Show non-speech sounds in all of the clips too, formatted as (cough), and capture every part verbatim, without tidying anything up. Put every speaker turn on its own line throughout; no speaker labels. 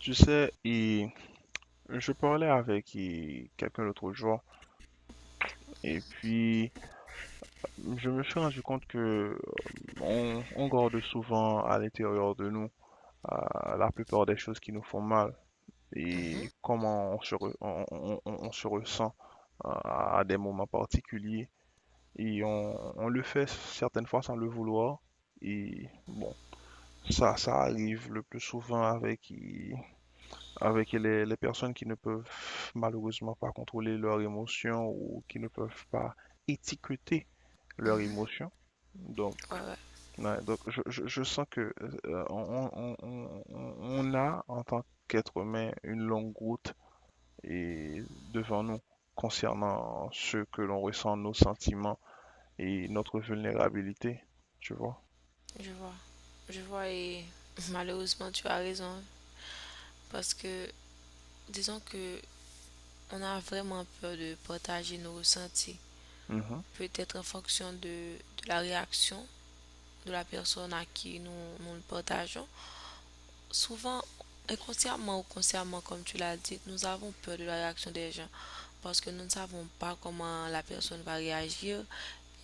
Tu sais, et je parlais avec et, quelqu'un l'autre jour, et puis je me suis rendu compte que on, on garde souvent à l'intérieur de nous euh, la plupart des choses qui nous font mal
Mhm,
et comment on se, re- on, on- on- on se ressent euh, à des moments particuliers. Et on, on le fait certaines fois sans le vouloir. Et bon, ça, ça arrive le plus souvent avec avec les, les personnes qui ne peuvent malheureusement pas contrôler leurs émotions ou qui ne peuvent pas étiqueter leurs
mhm.
émotions. Donc,
Ouais, ouais,
ouais, donc je, je- je sens que euh, on, on- on- on- on a en tant qu'être humain une longue route et devant nous concernant ce que l'on ressent, nos sentiments et notre vulnérabilité, tu vois.
je vois. Je vois et malheureusement tu as raison, hein. Parce que disons que on a vraiment peur de partager nos ressentis.
Mhm,
Peut-être en fonction de, de la réaction de la personne à qui nous, nous le partageons. Souvent, inconsciemment ou consciemment, comme tu l'as dit, nous avons peur de la réaction des gens. Parce que nous ne savons pas comment la personne va réagir.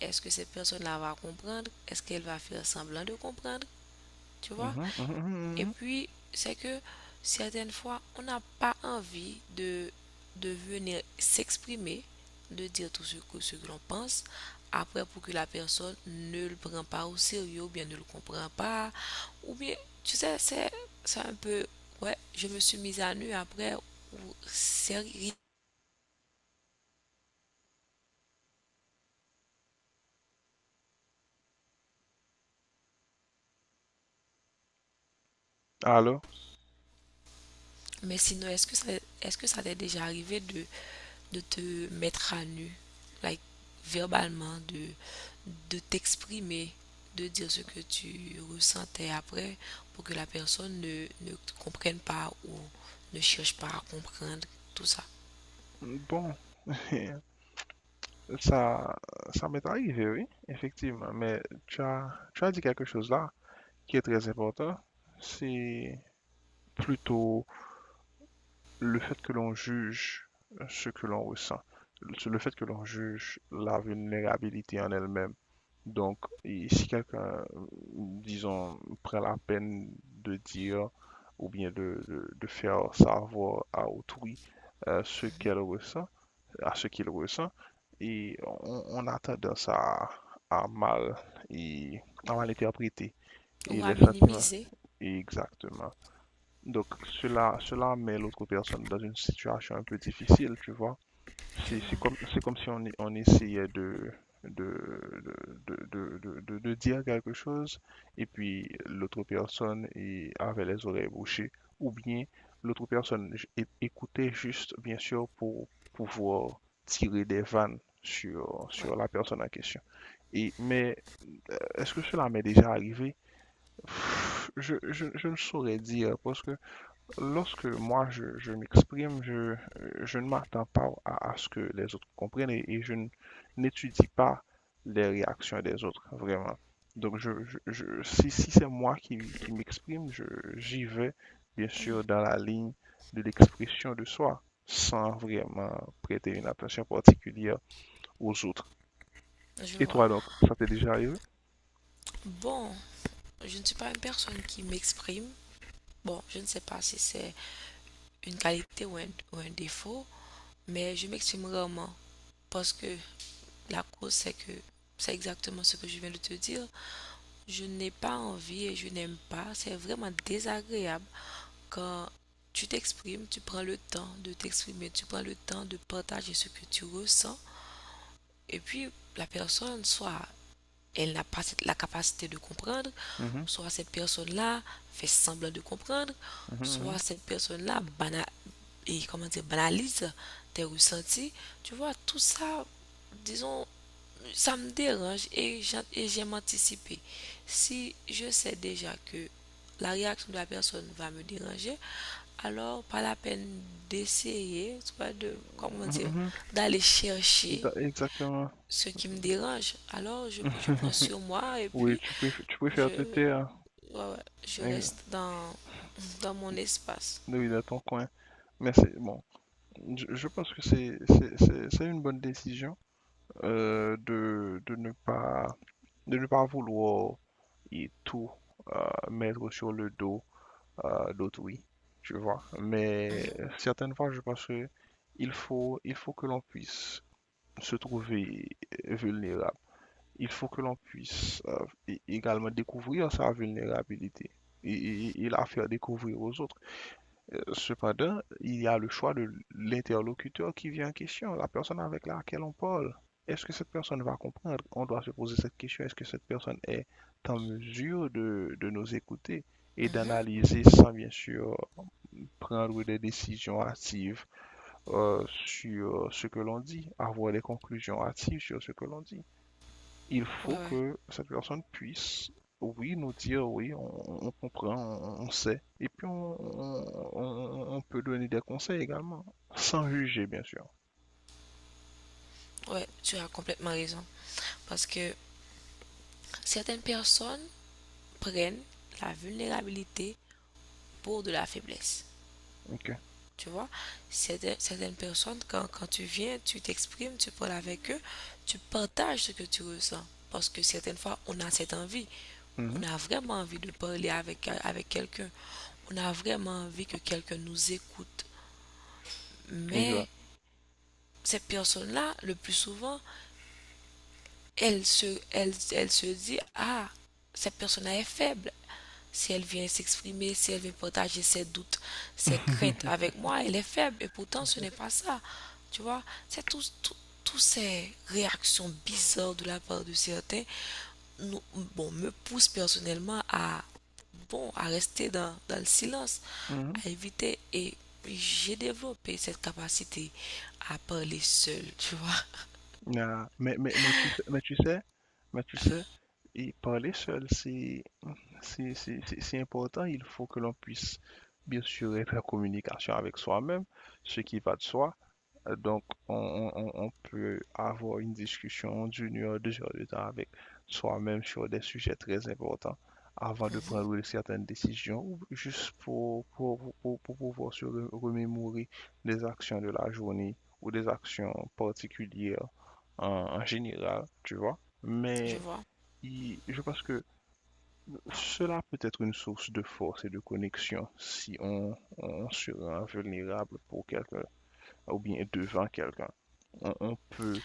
Est-ce que cette personne-là va comprendre? Est-ce qu'elle va faire semblant de comprendre? Tu vois?
mhm, mhm, mhm,
Et
mhm.
puis, c'est que certaines fois, on n'a pas envie de, de venir s'exprimer, de dire tout ce que, ce que l'on pense, après pour que la personne ne le prenne pas au sérieux, ou bien ne le comprend pas, ou bien, tu sais, c'est c'est un peu, ouais, je me suis mise à nu après, c'est.
Alors,
Mais sinon, est-ce que ça, est-ce que ça t'est déjà arrivé de, de te mettre à nu, like, verbalement, de, de t'exprimer, de dire ce que tu ressentais après pour que la personne ne, ne comprenne pas ou ne cherche pas à comprendre tout ça?
bon, (laughs) Ça, ça m'est arrivé, oui, effectivement. Mais tu as, tu as dit quelque chose là qui est très important. C'est plutôt le fait que l'on juge ce que l'on ressent, le fait que l'on juge la vulnérabilité en elle-même. Donc, et si quelqu'un, disons, prend la peine de dire ou bien de, de- de faire savoir à autrui, euh, ce
Mhm.
qu'elle ressent, à ce qu'il ressent, et on, on a tendance à, à mal et à mal interpréter et
Ou à
les sentiments,
minimiser.
exactement. Donc cela cela met l'autre personne dans une situation un peu difficile, tu vois.
Je
C'est
vois,
c'est comme, c'est comme si on, e- on essayait de, de, de, de, de- de- de dire quelque chose et puis l'autre personne y- avait les oreilles bouchées ou bien l'autre personne j- é- écoutait juste, bien sûr, pour pouvoir tirer des vannes sur,
ouais,
sur la personne en question. Et, mais est-ce que cela m'est déjà arrivé? Pff, Je, je, je ne saurais dire parce que lorsque moi je, je m'exprime, je, euh, je ne m'attends pas à, à ce que les autres comprennent et, et je n- n'étudie pas les réactions des autres, vraiment. Donc je, je- je- si, si c'est moi qui, qui m'exprime, je, j'y vais bien sûr dans la ligne de l'expression de soi, sans vraiment prêter une attention particulière aux autres.
je
Et
vois.
toi donc, ça t'est déjà arrivé?
Bon, je ne suis pas une personne qui m'exprime. Bon, je ne sais pas si c'est une qualité ou un, ou un défaut, mais je m'exprime rarement parce que la cause, c'est que c'est exactement ce que je viens de te dire. Je n'ai pas envie et je n'aime pas. C'est vraiment désagréable quand tu t'exprimes, tu prends le temps de t'exprimer, tu prends le temps de partager ce que tu ressens. Et puis, la personne, soit elle n'a pas la capacité de comprendre,
Mhm,
soit cette personne-là fait semblant de comprendre,
mhm,
soit
mhm,
cette personne-là banal et comment dire, banalise tes ressentis. Tu vois, tout ça, disons, ça me dérange et j'en- et j'aime anticiper. Si je sais déjà que la réaction de la personne va me déranger, alors pas la peine d'essayer, tu vois, de, comment dire,
mhm,
d'aller
mhm,
chercher
da- exactement.
ce qui me dérange. Alors je, je prends
(laughs)
sur moi et
Oui,
puis
tu préfères, tu préfères te
je,
taire.
ouais, ouais, je
Hein,
reste dans, dans mon espace.
oui, de ton coin. Mais c'est bon. Je, je pense que c'est c'est- c'est- c'est une bonne décision, euh, de, de ne pas de ne pas vouloir et tout euh, mettre sur le dos, euh, d'autrui, tu vois. Mais
Mhm,
euh, certaines fois, je pense que il faut il faut que l'on puisse se trouver vulnérable. Il faut que l'on puisse euh, é- également découvrir sa vulnérabilité et, et et la faire découvrir aux autres. Cependant, il y a le choix de l'interlocuteur qui vient en question, la personne avec laquelle on parle. Est-ce que cette personne va comprendre? On doit se poser cette question. Est-ce que cette personne est en mesure de, de nous écouter et
mhm,
d'analyser sans bien sûr prendre des décisions hâtives, euh, sur ce que l'on dit, avoir des conclusions hâtives sur ce que l'on dit? Il
ouais,
faut
ouais,
que cette personne puisse, oui, nous dire, oui, on, on comprend, on, on sait. Et puis, on, on- on- peut donner des conseils également, sans juger, bien sûr.
ouais, tu as complètement raison. Parce que certaines personnes prennent la vulnérabilité pour de la faiblesse.
Ok.
Tu vois, certaines, certaines personnes, quand, quand tu viens, tu t'exprimes, tu parles avec eux, tu partages ce que tu ressens. Parce que certaines fois, on a cette envie.
Mhm.
On a vraiment envie de parler avec, avec quelqu'un. On a vraiment envie que quelqu'un nous écoute. Mais
Exact.
ces personnes-là, le plus souvent, elle se, elle, elle se dit, ah, cette personne est faible. Si elle vient s'exprimer, si elle vient partager ses doutes, ses craintes
(laughs)
avec moi, elle est faible. Et pourtant, ce n'est pas ça. Tu vois, c'est tout, tout- toutes ces réactions bizarres de la part de certains nous, bon, me poussent personnellement à, bon, à rester dans, dans le silence,
Mhm.
à éviter. Et j'ai développé cette capacité à parler seule, tu vois.
Ah, mais, mais, mais tu sais, mais tu sais, mais tu sais, et parler seul, c'est, c'est, c'est, c'est- c'est important. Il faut que l'on puisse, bien sûr, être en communication avec soi-même, ce qui va de soi. Euh, Donc, on, on- on- on peut avoir une discussion d'une heure, deux heures de temps avec soi-même sur des sujets très importants avant de
Mhm,
prendre certaines décisions, ou juste pour, pour, pour, pour pouvoir se re- remémorer des actions de la journée ou des actions particulières en, en général, tu vois.
je
Mais
vois.
il- je pense que cela peut être une source de force et de connexion si on, on se rend vulnérable pour quelqu'un ou bien devant quelqu'un. On, on peut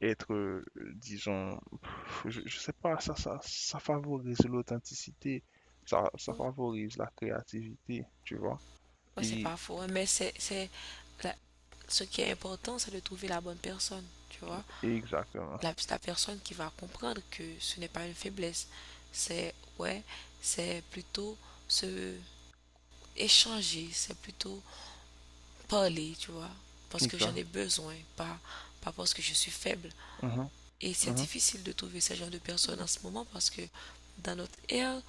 être, euh, disons, je, je sais pas, ça, ça, ça favorise l'authenticité, ça, ça favorise la créativité, tu vois.
Ouais, c'est
Et,
pas faux, hein, mais c'est, c'est la- ce qui est important, c'est de trouver la bonne personne, tu vois.
et exactement,
La, la personne qui va comprendre que ce n'est pas une faiblesse. C'est, ouais, c'est plutôt se échanger, c'est plutôt parler, tu vois, parce que j'en
exact,
ai besoin, pas, pas parce que je suis faible.
mhm,
Et c'est
mhm,
difficile de trouver ce genre de personnes en ce moment parce que dans notre ère,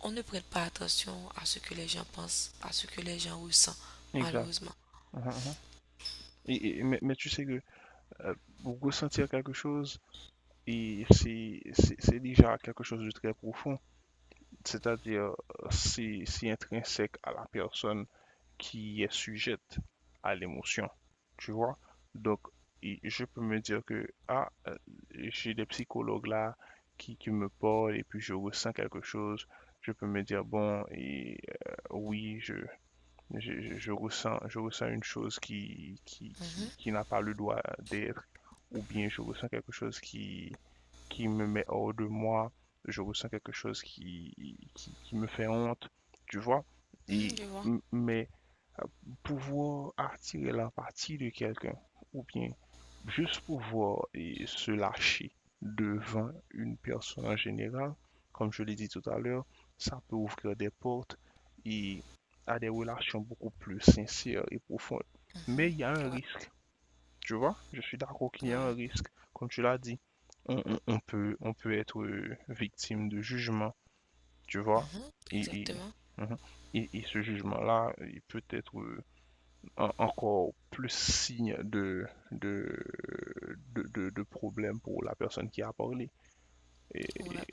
on ne prête pas attention à ce que les gens pensent, à ce que les gens ressentent,
exact.
malheureusement.
Mhm, mhm. Et, et- mais, mais tu sais que euh, pour ressentir quelque chose, et c'est c'est- c'est déjà quelque chose de très profond. C'est-à-dire euh, si, si intrinsèque à la personne qui est sujette à l'émotion, tu vois. Donc, et je peux me dire que, ah, euh, j'ai des psychologues là qui, qui me parlent et puis je ressens quelque chose. Je peux me dire, bon, et, euh, oui, je, je, je- je ressens, je ressens une chose qui, qui,
Mhm,
qui, qui n'a pas le droit d'être, ou bien je ressens quelque chose qui, qui me met hors de moi, je ressens quelque chose qui, qui, qui me fait honte, tu vois.
mhm,
Et,
je vois.
mais euh, pouvoir attirer l'empathie de quelqu'un, ou bien juste pouvoir et, se lâcher devant une personne en général, comme je l'ai dit tout à l'heure, ça peut ouvrir des portes et à des relations beaucoup plus sincères et profondes. Mais il y a un
Mmh. Ouais,
risque, tu vois, je suis d'accord qu'il y a un
ouais.
risque. Comme tu l'as dit, on, on- on peut, on peut être euh, victime de jugement, tu vois.
Mhm.
Et, et,
Exactement.
mhm. Et- et ce jugement-là, il peut être euh, en- encore plus signe de, de, de, de- de problème pour la personne qui a parlé. Et,
Ouais.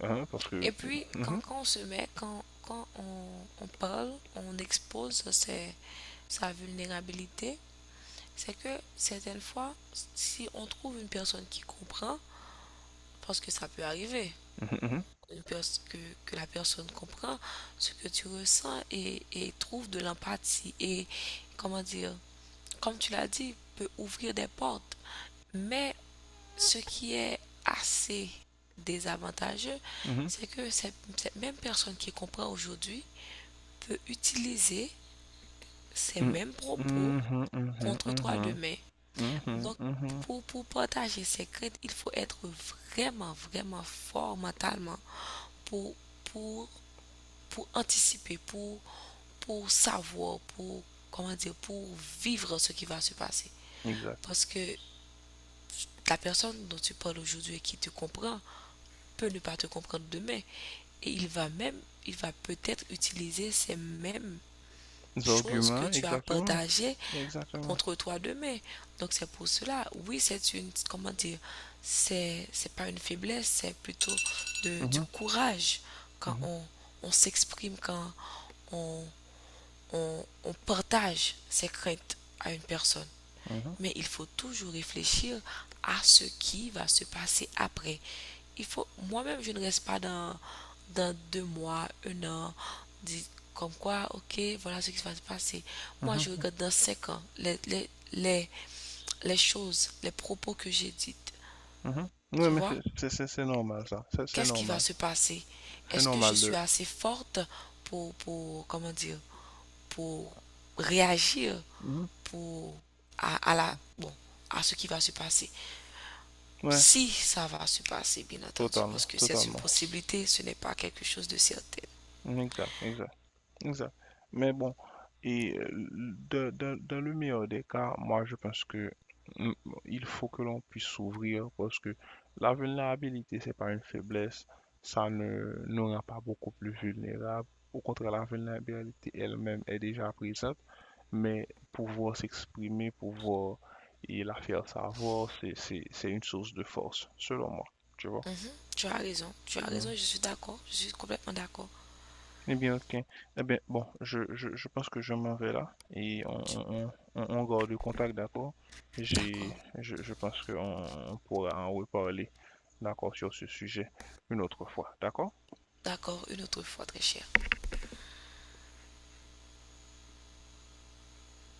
hein, parce que...
Et puis, quand,
Mhm,
quand on se met, quand, quand on, on parle, on expose ses- sa vulnérabilité, c'est que certaines fois, si on trouve une personne qui comprend, parce que ça peut arriver,
mhm,
une pers- que, que la personne comprend ce que tu ressens et, et trouve de l'empathie et, comment dire, comme tu l'as dit, peut ouvrir des portes. Mais ce qui est assez désavantageux,
mhm,
c'est que cette, cette même personne qui comprend aujourd'hui peut utiliser ces
mhm,
mêmes propos
mhm, mhm, mhm,
contre toi
mhm,
demain.
mhm,
Donc,
mhm. Mhm.
pour, pour partager ses craintes, il faut être vraiment, vraiment fort mentalement pour, pour, pour anticiper, pour, pour savoir, pour, comment dire, pour vivre ce qui va se passer.
Exact.
Parce que la personne dont tu parles aujourd'hui et qui te comprend peut ne pas te comprendre demain. Et il va même, il va peut-être utiliser ces mêmes
Les
choses que
arguments,
tu as
exactement.
partagées
Exactement.
contre toi demain. Donc c'est pour cela, oui, c'est une, comment dire, c'est, c'est pas une faiblesse, c'est plutôt de, du
Mhm,
courage quand
mhm.
on, on s'exprime, quand on, on, on partage ses craintes à une personne.
Mhm,
Mais il faut toujours réfléchir à ce qui va se passer après. Il faut, moi-même, je ne reste pas dans, dans deux mois, un an, dit comme quoi, ok, voilà ce qui va se passer. Moi, je
mhm,
regarde dans cinq ans les, les, les, les choses, les propos que j'ai dites.
mhm. Oui,
Tu
mais
vois?
c'est c'est- c'est- c'est normal ça. C'est c'est
Qu'est-ce qui va
normal.
se passer?
C'est
Est-ce que je
normal de.
suis assez forte pour, pour, comment dire, pour réagir
Mhm.
pour, à, à la, bon, à ce qui va se passer?
Ouais,
Si ça va se passer, bien entendu,
totalement,
parce que c'est une
totalement.
possibilité, ce n'est pas quelque chose de certain.
Mhm, exact, exact. Exact. Mais bon, et euh, de- de- dans le meilleur des cas, moi je pense que mm, il faut que l'on puisse s'ouvrir parce que la vulnérabilité, c'est pas une faiblesse, ça ne nous rend pas beaucoup plus vulnérables. Au contraire, la vulnérabilité elle-même est déjà présente, mais pouvoir s'exprimer, pouvoir et la faire savoir, c'est, c'est, c'est une source de force, selon moi, tu vois.
Tu as raison, tu as raison, je suis d'accord, je suis complètement d'accord.
Eh bien, ok. Eh bien, bon, je, je, je pense que je m'en vais là et on, on, on, on garde le contact, d'accord? J'ai,
D'accord,
je, je pense qu'on on pourra en reparler, d'accord, sur ce sujet une autre fois, d'accord?
d'accord, une autre fois, très cher.